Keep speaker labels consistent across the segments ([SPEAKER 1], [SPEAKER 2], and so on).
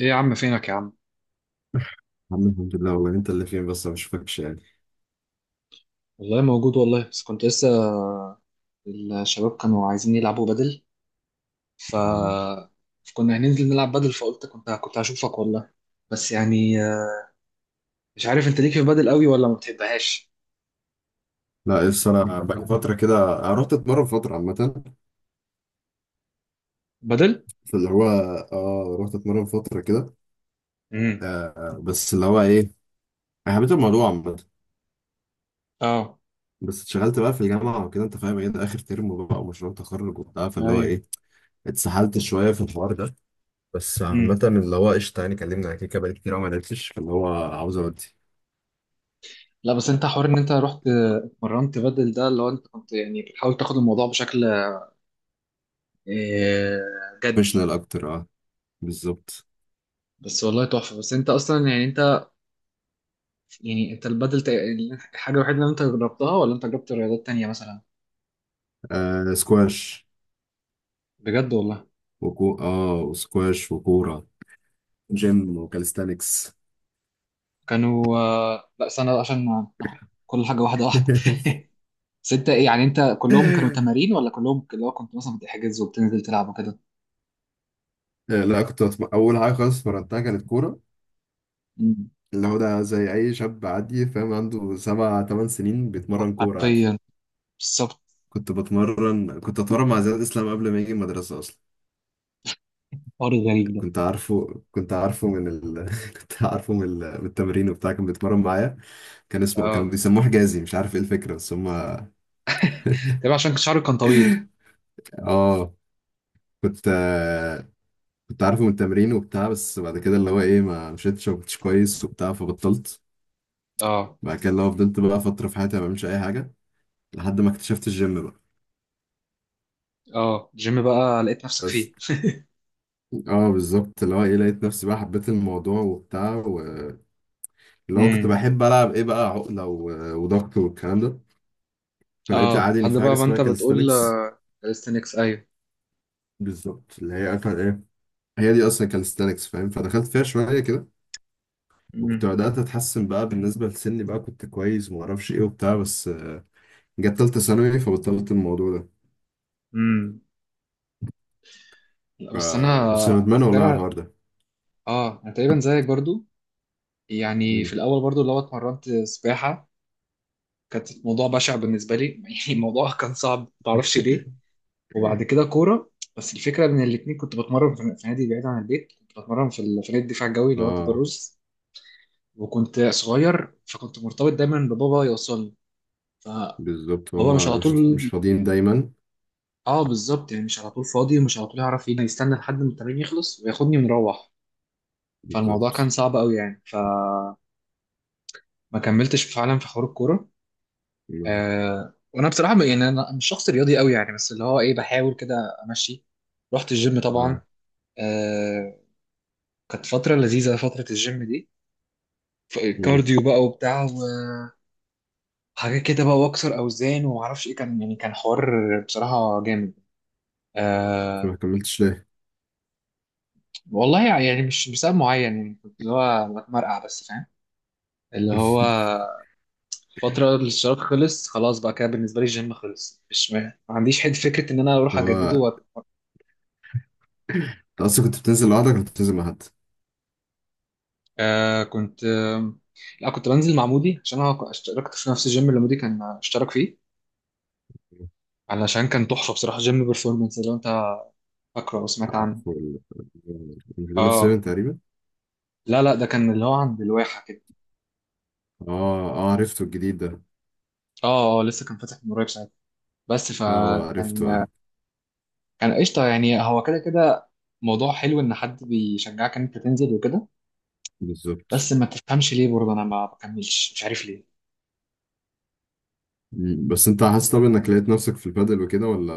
[SPEAKER 1] ايه يا عم فينك يا عم.
[SPEAKER 2] عم، الحمد لله. والله انت اللي فين؟ بس ما بشوفكش يعني.
[SPEAKER 1] والله موجود والله بس كنت لسه الشباب كانوا عايزين يلعبوا بدل. ف
[SPEAKER 2] آه.
[SPEAKER 1] كنا هننزل نلعب بدل، فقلت كنت هشوفك والله، بس يعني مش عارف انت ليك في بدل قوي ولا ما بتحبهاش.
[SPEAKER 2] لا، بس انا بقى فتره كده، رحت اتمرن فتره عامه.
[SPEAKER 1] بدل.
[SPEAKER 2] فاللي هو اه رحت اتمرن فتره كده.
[SPEAKER 1] امم.
[SPEAKER 2] آه، بس اللي هو ايه، انا حبيت الموضوع عامه.
[SPEAKER 1] اه.
[SPEAKER 2] بس اتشغلت بقى في الجامعه وكده، انت فاهم ايه، ده اخر ترم بقى ومشروع تخرج وبتاع، فاللي هو
[SPEAKER 1] ايوه.
[SPEAKER 2] ايه اتسحلت شويه في الحوار ده. بس عامه
[SPEAKER 1] امم.
[SPEAKER 2] اللي هو قشطه، يعني كلمنا على كيكه، بقالي كتير أوي ما لعبتش، فاللي هو عاوز اودي
[SPEAKER 1] لا بس انت حوار ان انت رحت، اتمرنت بدل، ده اللي هو انت كنت يعني بتحاول تاخد الموضوع بشكل آه، جدي.
[SPEAKER 2] بروفيشنال اكتر. اه، بالظبط.
[SPEAKER 1] بس والله تحفة. بس انت اصلا يعني انت يعني انت البدل الحاجة الوحيدة اللي انت جربتها، ولا انت جربت رياضات تانية مثلا؟
[SPEAKER 2] آه، سكواش،
[SPEAKER 1] بجد والله.
[SPEAKER 2] وكو اه وسكواش وكوره، جيم وكاليستانكس.
[SPEAKER 1] كانوا لا سنة، عشان ناخد كل حاجة واحدة واحدة بس انت ايه يعني، انت كلهم كانوا تمارين، ولا كلهم اللي هو كنت مثلا بتحجز وبتنزل تلعب وكده؟
[SPEAKER 2] لا، اول حاجه خالص اتمرنتها كانت كوره.
[SPEAKER 1] مم.
[SPEAKER 2] اللي هو ده زي اي شاب عادي فاهم، عنده 7 8 سنين بيتمرن كوره عادي.
[SPEAKER 1] حرفيا. بالظبط.
[SPEAKER 2] كنت اتمرن مع زياد اسلام قبل ما يجي المدرسه اصلا.
[SPEAKER 1] الحوار الغريب ده.
[SPEAKER 2] كنت عارفه كنت عارفه من التمرين وبتاع، كان بيتمرن معايا. كانوا
[SPEAKER 1] اه
[SPEAKER 2] بيسموه حجازي، مش عارف ايه الفكره بس هم.
[SPEAKER 1] تمام، عشان شعرك كان طويل.
[SPEAKER 2] اه، كنت كنت عارفه من التمرين وبتاع، بس بعد كده اللي هو ايه ما مشيتش، ما كنتش كويس وبتاع، فبطلت.
[SPEAKER 1] اه.
[SPEAKER 2] بعد كده لو فضلت بقى فترة في حياتي ما بعملش أي حاجة لحد ما اكتشفت الجيم بقى.
[SPEAKER 1] اه الجيم بقى لقيت نفسك
[SPEAKER 2] بس
[SPEAKER 1] فيه.
[SPEAKER 2] اه بالظبط، اللي هو ايه، لقيت نفسي بقى، حبيت الموضوع وبتاع، اللي هو كنت
[SPEAKER 1] امم.
[SPEAKER 2] بحب ألعب ايه بقى عقلة وضغط والكلام ده. فلقيت
[SPEAKER 1] اه
[SPEAKER 2] عادي إن
[SPEAKER 1] لحد
[SPEAKER 2] في حاجة
[SPEAKER 1] بقى ما
[SPEAKER 2] اسمها
[SPEAKER 1] انت بتقول
[SPEAKER 2] كاليستانكس.
[SPEAKER 1] كاليستنكس، ايوه.
[SPEAKER 2] بالظبط، اللي هي أكل ايه، هي دي أصلا كاليستانكس فاهم، فدخلت فيها شوية كده. وكنت
[SPEAKER 1] امم.
[SPEAKER 2] بدأت أتحسن بقى بالنسبة لسني، بقى كنت كويس ومعرفش ايه وبتاع، بس جت تالتة ثانوي فبطلت الموضوع ده.
[SPEAKER 1] امم. لا
[SPEAKER 2] ف-
[SPEAKER 1] بس
[SPEAKER 2] بس
[SPEAKER 1] انا
[SPEAKER 2] ندمان والله على
[SPEAKER 1] تقريبا.
[SPEAKER 2] الحوار ده.
[SPEAKER 1] اه انا تقريبا زيك برضو، يعني
[SPEAKER 2] مم.
[SPEAKER 1] في الاول برضو اللي هو اتمرنت سباحة. كانت الموضوع بشع بالنسبه لي يعني الموضوع كان صعب، ما اعرفش ليه. وبعد كده كوره. بس الفكره ان الاثنين كنت بتمرن في نادي بعيد عن البيت، كنت بتمرن في في نادي الدفاع الجوي اللي هو
[SPEAKER 2] اه
[SPEAKER 1] تبروز. وكنت صغير فكنت مرتبط دايما ببابا يوصلني، فبابا
[SPEAKER 2] بالظبط،
[SPEAKER 1] مش
[SPEAKER 2] هما
[SPEAKER 1] على
[SPEAKER 2] مش
[SPEAKER 1] طول.
[SPEAKER 2] مش فاضيين دايما.
[SPEAKER 1] اه بالظبط، يعني مش على طول فاضي ومش على طول يعرف ينا يستنى لحد ما التمرين يخلص وياخدني ونروح. فالموضوع
[SPEAKER 2] بالظبط.
[SPEAKER 1] كان صعب قوي، يعني كملتش فعلا في حوار الكوره.
[SPEAKER 2] مم.
[SPEAKER 1] آه وانا بصراحه يعني انا مش شخص رياضي قوي يعني، بس اللي هو ايه بحاول كده امشي. رحت الجيم طبعا،
[SPEAKER 2] اه.
[SPEAKER 1] آه، كانت فتره لذيذه فتره الجيم دي.
[SPEAKER 2] مم.
[SPEAKER 1] كارديو بقى وبتاع وحاجات كده بقى، واكسر اوزان وما اعرفش ايه، كان يعني كان حوار بصراحه جامد.
[SPEAKER 2] انت ما
[SPEAKER 1] آه.
[SPEAKER 2] كملتش ليه؟
[SPEAKER 1] والله يعني مش بسبب معين، يعني كنت اللي هو بتمرقع بس فاهم اللي هو. فترة الاشتراك خلاص بقى، كده بالنسبة لي الجيم خلص، مش ما ما عنديش حد فكرة إن أنا أروح
[SPEAKER 2] هو،
[SPEAKER 1] أجدده.
[SPEAKER 2] انت اصلا كنت بتنزل لوحدك ولا كنت بتنزل مع حد؟
[SPEAKER 1] آه كنت آه لا كنت بنزل مع مودي، عشان انا اشتركت في نفس الجيم اللي مودي كان اشترك فيه. علشان كان تحفه بصراحه جيم بيرفورمانس، لو انت فاكره او سمعت عنه.
[SPEAKER 2] عارفه مش ده اللي في 7
[SPEAKER 1] اه.
[SPEAKER 2] تقريبا؟
[SPEAKER 1] لا ده كان اللي هو عند الواحه كده.
[SPEAKER 2] اه، اه، عرفته الجديد ده.
[SPEAKER 1] اه اه لسه كان فاتح من قريب ساعتها. بس
[SPEAKER 2] اه، عرفته
[SPEAKER 1] فكان،
[SPEAKER 2] اه.
[SPEAKER 1] كان قشطه يعني. هو كده كده موضوع حلو ان حد بيشجعك ان انت تنزل وكده.
[SPEAKER 2] بالظبط.
[SPEAKER 1] بس ما تفهمش ليه برضه انا ما بكملش، مش عارف ليه.
[SPEAKER 2] مم. بس انت حاسس طب، انك لقيت نفسك في البادل وكده، ولا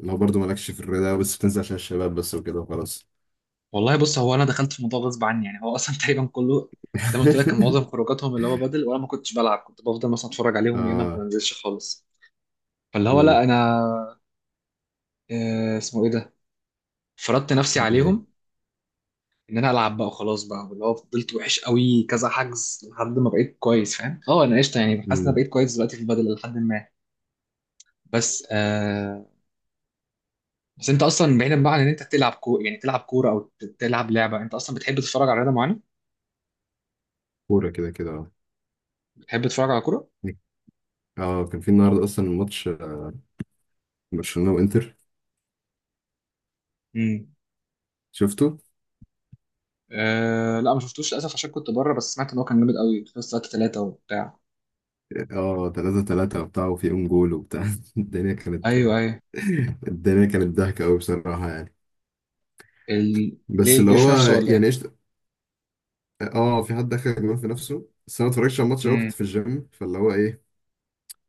[SPEAKER 2] اللي هو برضه مالكش في الرياضة بس بتنزل عشان الشباب بس وكده وخلاص؟
[SPEAKER 1] والله بص، هو انا دخلت في الموضوع غصب عني يعني، هو اصلا تقريبا كله زي ما قلت لك، كان معظم خروجاتهم اللي هو بدل، وانا ما كنتش بلعب، كنت بفضل مثلا اتفرج عليهم ايه، ما
[SPEAKER 2] اه.
[SPEAKER 1] بنزلش خالص. فاللي هو
[SPEAKER 2] مم.
[SPEAKER 1] لا انا، آه اسمه ايه ده، فرضت نفسي
[SPEAKER 2] ايه.
[SPEAKER 1] عليهم ان انا العب بقى وخلاص بقى، واللي هو فضلت وحش قوي كذا حجز لحد ما بقيت كويس فاهم. اه انا قشطه يعني، حاسس ان انا
[SPEAKER 2] مم.
[SPEAKER 1] بقيت كويس دلوقتي في البدل لحد ما، بس آه. بس انت اصلا بعيدا بقى عن ان انت تلعب كوره، يعني تلعب كوره او تلعب لعبه، انت اصلا بتحب تتفرج على رياضه معينه؟
[SPEAKER 2] كورة كده كده اه.
[SPEAKER 1] بتحب تتفرج على
[SPEAKER 2] اه، كان في النهارده اصلا الماتش، برشلونه وانتر،
[SPEAKER 1] كوره.
[SPEAKER 2] شفته.
[SPEAKER 1] أه لا ما شفتوش للاسف عشان كنت بره، بس سمعت ان هو كان جامد قوي في ساعات ثلاثة وبتاع.
[SPEAKER 2] اه، 3-3 وبتاع، وفي اون جول وبتاع. الدنيا كانت
[SPEAKER 1] ايوه ايوه.
[SPEAKER 2] الدنيا كانت ضحكه قوي بصراحه يعني. بس
[SPEAKER 1] ليه
[SPEAKER 2] اللي
[SPEAKER 1] الجيش
[SPEAKER 2] هو،
[SPEAKER 1] نفسه ولا ايه؟
[SPEAKER 2] يعني ايش، اه في حد دخل جول في نفسه. بس انا ما اتفرجتش على الماتش قوي، كنت
[SPEAKER 1] امم.
[SPEAKER 2] في الجيم، فاللي هو ايه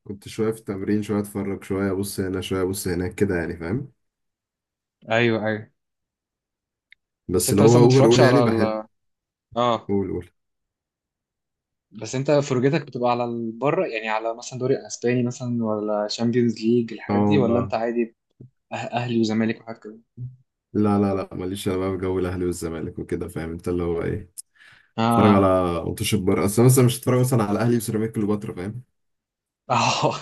[SPEAKER 2] كنت شويه في التمرين، شويه اتفرج، شويه ابص هنا، شويه ابص هناك كده يعني، فاهم.
[SPEAKER 1] ايوه ايوه. بس
[SPEAKER 2] بس
[SPEAKER 1] انت
[SPEAKER 2] اللي هو
[SPEAKER 1] مثلا ما
[SPEAKER 2] اوفر
[SPEAKER 1] بتتفرجش
[SPEAKER 2] اول يعني
[SPEAKER 1] على
[SPEAKER 2] بحب.
[SPEAKER 1] اه،
[SPEAKER 2] قول، قول.
[SPEAKER 1] بس انت فرجتك بتبقى على بره، يعني على مثلا دوري اسباني مثلا، ولا شامبيونز ليج الحاجات دي، ولا
[SPEAKER 2] اه،
[SPEAKER 1] انت عادي اهلي وزمالك وحاجات كده؟
[SPEAKER 2] لا لا لا، ماليش انا بقى في جو الاهلي والزمالك وكده، فاهم انت اللي هو ايه اتفرج على
[SPEAKER 1] اه.
[SPEAKER 2] ماتش بره. اصل انا مثلا مش هتفرج مثلا على اهلي وسيراميكا كليوباترا فاهم.
[SPEAKER 1] اه.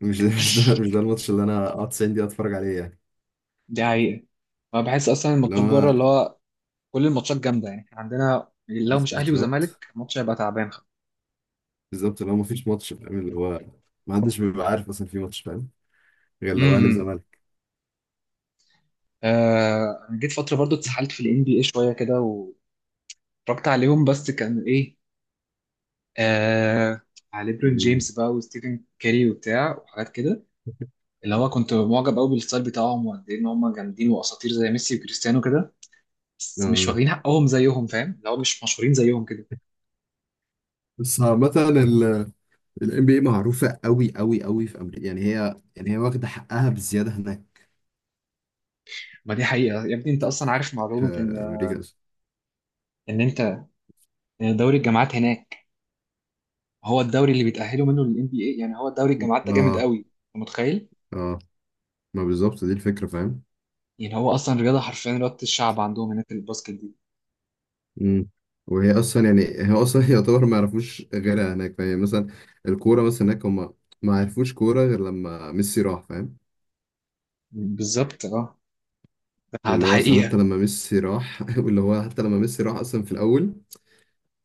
[SPEAKER 2] مش ده الماتش اللي انا اقعد 90 دقيقه اتفرج عليه يعني.
[SPEAKER 1] دي حقيقة. انا بحس اصلا
[SPEAKER 2] اللي
[SPEAKER 1] الماتشات بره
[SPEAKER 2] هو
[SPEAKER 1] اللي هو كل الماتشات جامدة، يعني إحنا عندنا لو مش اهلي
[SPEAKER 2] بالظبط،
[SPEAKER 1] وزمالك الماتش هيبقى تعبان.
[SPEAKER 2] بالظبط. اللي هو مفيش ماتش فاهم، اللي هو ما حدش بيبقى عارف اصلا في ماتش فاهم، غير لو اهلي
[SPEAKER 1] امم.
[SPEAKER 2] وزمالك.
[SPEAKER 1] آه أنا جيت فترة برضو اتسحلت في ال NBA شوية كده واتفرجت عليهم، بس كان إيه، آه، على ليبرون
[SPEAKER 2] مم.
[SPEAKER 1] جيمس بقى وستيفن كاري وبتاع وحاجات كده. اللي هو كنت معجب قوي بالستايل بتاعهم وقد إيه إن هم جامدين وأساطير زي ميسي وكريستيانو كده، بس مش
[SPEAKER 2] آه.
[SPEAKER 1] واخدين حقهم زيهم فاهم، اللي هو مش مشهورين زيهم كده.
[SPEAKER 2] بس عامة ال NBA معروفة قوي قوي قوي في أمريكا، يعني هي واخدة حقها بزيادة هناك
[SPEAKER 1] ما دي حقيقة يا ابني. أنت أصلا عارف
[SPEAKER 2] في
[SPEAKER 1] معلومة إن،
[SPEAKER 2] أمريكا أصلا.
[SPEAKER 1] إن أنت إن دوري الجامعات هناك هو الدوري اللي بيتأهلوا منه لل NBA؟ يعني هو دوري الجامعات ده جامد
[SPEAKER 2] اه،
[SPEAKER 1] قوي، أنت متخيل؟
[SPEAKER 2] اه، ما بالظبط دي الفكرة فاهم.
[SPEAKER 1] يعني هو أصلا رياضة، حرفيا رياضة الشعب عندهم هناك الباسكت.
[SPEAKER 2] مم. وهي اصلا يعني هي اصلا يعتبر ما يعرفوش غيرها هناك فاهم مثلا. الكوره مثلا هناك، هم ما عرفوش كوره غير لما ميسي راح، فاهم.
[SPEAKER 1] بالظبط اه. ده
[SPEAKER 2] واللي هو اصلا حتى
[SPEAKER 1] حقيقة.
[SPEAKER 2] لما ميسي راح واللي هو حتى لما ميسي راح اصلا في الاول،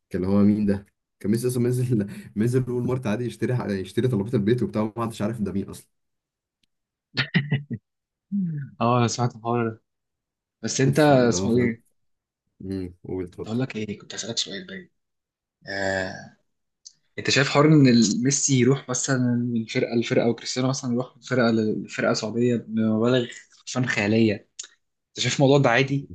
[SPEAKER 2] كان اللي هو مين ده. كان ميسي اصلا منزل، منزل اول مره عادي يشتري، يشتري طلبات البيت وبتاع، ما حدش عارف ده مين اصلا.
[SPEAKER 1] اه انا سمعت الحوار ده. بس انت
[SPEAKER 2] فاللي هو
[SPEAKER 1] اسمه
[SPEAKER 2] فاهم.
[SPEAKER 1] ايه،
[SPEAKER 2] قول
[SPEAKER 1] كنت
[SPEAKER 2] اتفضل.
[SPEAKER 1] هقول لك ايه، كنت هسألك سؤال باين، آه. انت شايف حوار ان ميسي يروح مثلا من فرقة لفرقة، وكريستيانو مثلا يروح من فرقة لفرقة سعودية بمبالغ فن خيالية، انت شايف الموضوع ده عادي؟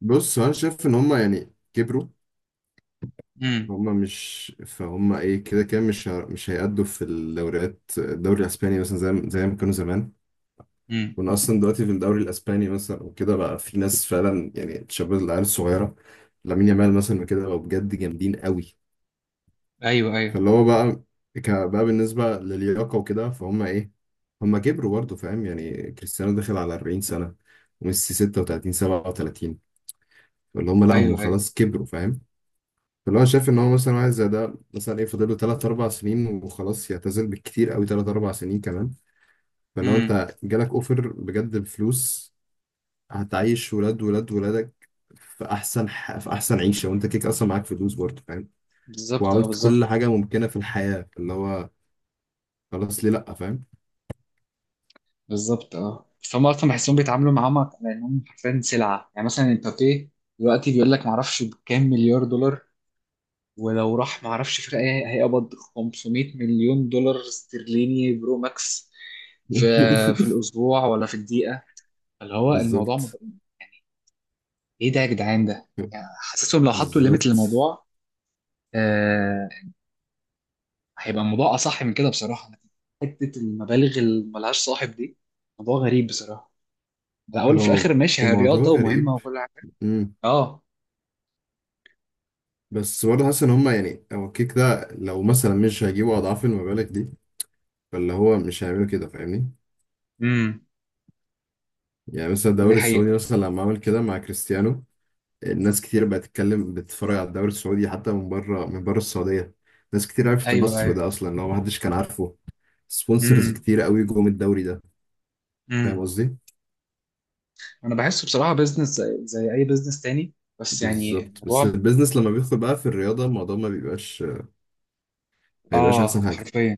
[SPEAKER 2] بص، هو انا شايف ان هم يعني كبروا،
[SPEAKER 1] امم.
[SPEAKER 2] هما مش فهم ايه كده كده، مش هيأدوا في الدوري الاسباني مثلا زي ما كانوا زمان.
[SPEAKER 1] امم.
[SPEAKER 2] كنا اصلا دلوقتي في الدوري الاسباني مثلا وكده، بقى في ناس فعلا يعني تشبه العيال الصغيره. لامين يامال مثلا وكده، بقوا بجد جامدين قوي.
[SPEAKER 1] ايوه ايوه.
[SPEAKER 2] فاللي هو بقى بقى بالنسبه للياقه وكده فهم ايه، هم كبروا برضه فاهم، يعني كريستيانو داخل على 40 سنه، وميسي 36، 37. اللي هم، لا هم
[SPEAKER 1] ايوه ايوه.
[SPEAKER 2] خلاص كبروا. فاللي هو شايف ان هو مثلا واحد زي ده مثلا ايه، فاضل له 3-4 سنين وخلاص يعتزل، بالكتير قوي 3-4 سنين كمان. فلو
[SPEAKER 1] امم.
[SPEAKER 2] انت جالك اوفر بجد بفلوس، هتعيش ولاد ولاد ولادك في احسن عيشه، وانت كيك اصلا معاك فلوس برضه فاهم،
[SPEAKER 1] بالظبط اه.
[SPEAKER 2] وعملت
[SPEAKER 1] بالظبط.
[SPEAKER 2] كل حاجه ممكنه في الحياه، اللي هو خلاص، ليه لا، فاهم.
[SPEAKER 1] بالظبط اه. فهم اصلا بحسهم بيتعاملوا معاهم على انهم حرفيا سلعة، يعني مثلا امبابي دلوقتي بيقول لك معرفش بكام مليار دولار، ولو راح ما اعرفش فرقه إيه هيقبض 500 مليون دولار استرليني برو ماكس في في الاسبوع ولا في الدقيقه، اللي هو الموضوع
[SPEAKER 2] بالظبط،
[SPEAKER 1] ايه ده يا جدعان؟ ده يعني حاسسهم لو حطوا ليميت
[SPEAKER 2] بالظبط،
[SPEAKER 1] للموضوع آه... هيبقى الموضوع اصح من كده بصراحه. حته المبالغ اللي ملهاش صاحب دي موضوع غريب بصراحه، على الاول وفي
[SPEAKER 2] هو
[SPEAKER 1] الاخر ماشي، هي
[SPEAKER 2] الموضوع
[SPEAKER 1] رياضه ومهمه
[SPEAKER 2] غريب.
[SPEAKER 1] وكل حاجه.
[SPEAKER 2] امم.
[SPEAKER 1] اه.
[SPEAKER 2] بس برضه حاسس ان هما يعني هو الكيك ده، لو مثلا مش هيجيبوا اضعاف المبالغ دي، فاللي هو مش هيعملوا كده، فاهمني.
[SPEAKER 1] امم.
[SPEAKER 2] يعني مثلا
[SPEAKER 1] دي
[SPEAKER 2] الدوري السعودي
[SPEAKER 1] حقيقه.
[SPEAKER 2] مثلا لما عمل كده مع كريستيانو، الناس كتير بقت تتكلم، بتتفرج على الدوري السعودي، حتى من بره، من بره السعودية. ناس كتير عرفت
[SPEAKER 1] ايوه
[SPEAKER 2] النصر
[SPEAKER 1] ايوه.
[SPEAKER 2] ده اصلا، اللي هو محدش كان عارفه. سبونسرز
[SPEAKER 1] امم.
[SPEAKER 2] كتير قوي جم الدوري ده. فاهم
[SPEAKER 1] امم.
[SPEAKER 2] قصدي.
[SPEAKER 1] انا بحسه بصراحه بيزنس زي اي بيزنس تاني، بس يعني
[SPEAKER 2] بالظبط، بس
[SPEAKER 1] الموضوع.
[SPEAKER 2] البيزنس لما بيدخل بقى في الرياضة، الموضوع ما بيبقاش احسن
[SPEAKER 1] اه
[SPEAKER 2] حاجة.
[SPEAKER 1] حرفيا.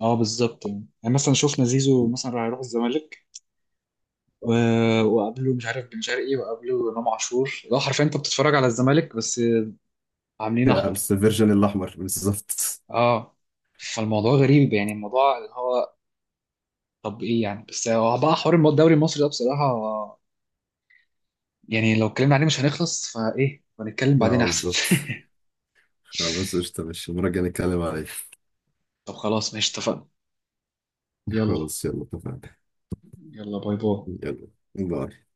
[SPEAKER 1] اه بالظبط، يعني مثلا شفنا زيزو مثلا راح يروح الزمالك، و... وقبله مش عارف بن شرقي، وقبله امام عاشور، لو حرفيا انت بتتفرج على الزمالك بس عاملين احمر.
[SPEAKER 2] بس الفيرجن الاحمر بالظبط.
[SPEAKER 1] اه. فالموضوع غريب يعني، الموضوع اللي هو، طب ايه يعني، بس هو بقى حوار الدوري المصري ده بصراحه يعني لو اتكلمنا عليه مش هنخلص، فايه هنتكلم بعدين
[SPEAKER 2] اه بالظبط.
[SPEAKER 1] احسن.
[SPEAKER 2] خلاص قشطة ماشي، المرة الجاية نتكلم عليه.
[SPEAKER 1] طب خلاص ماشي اتفقنا. يلا.
[SPEAKER 2] خلاص يلا اتفقنا.
[SPEAKER 1] يلا باي باي.
[SPEAKER 2] يلا، باي.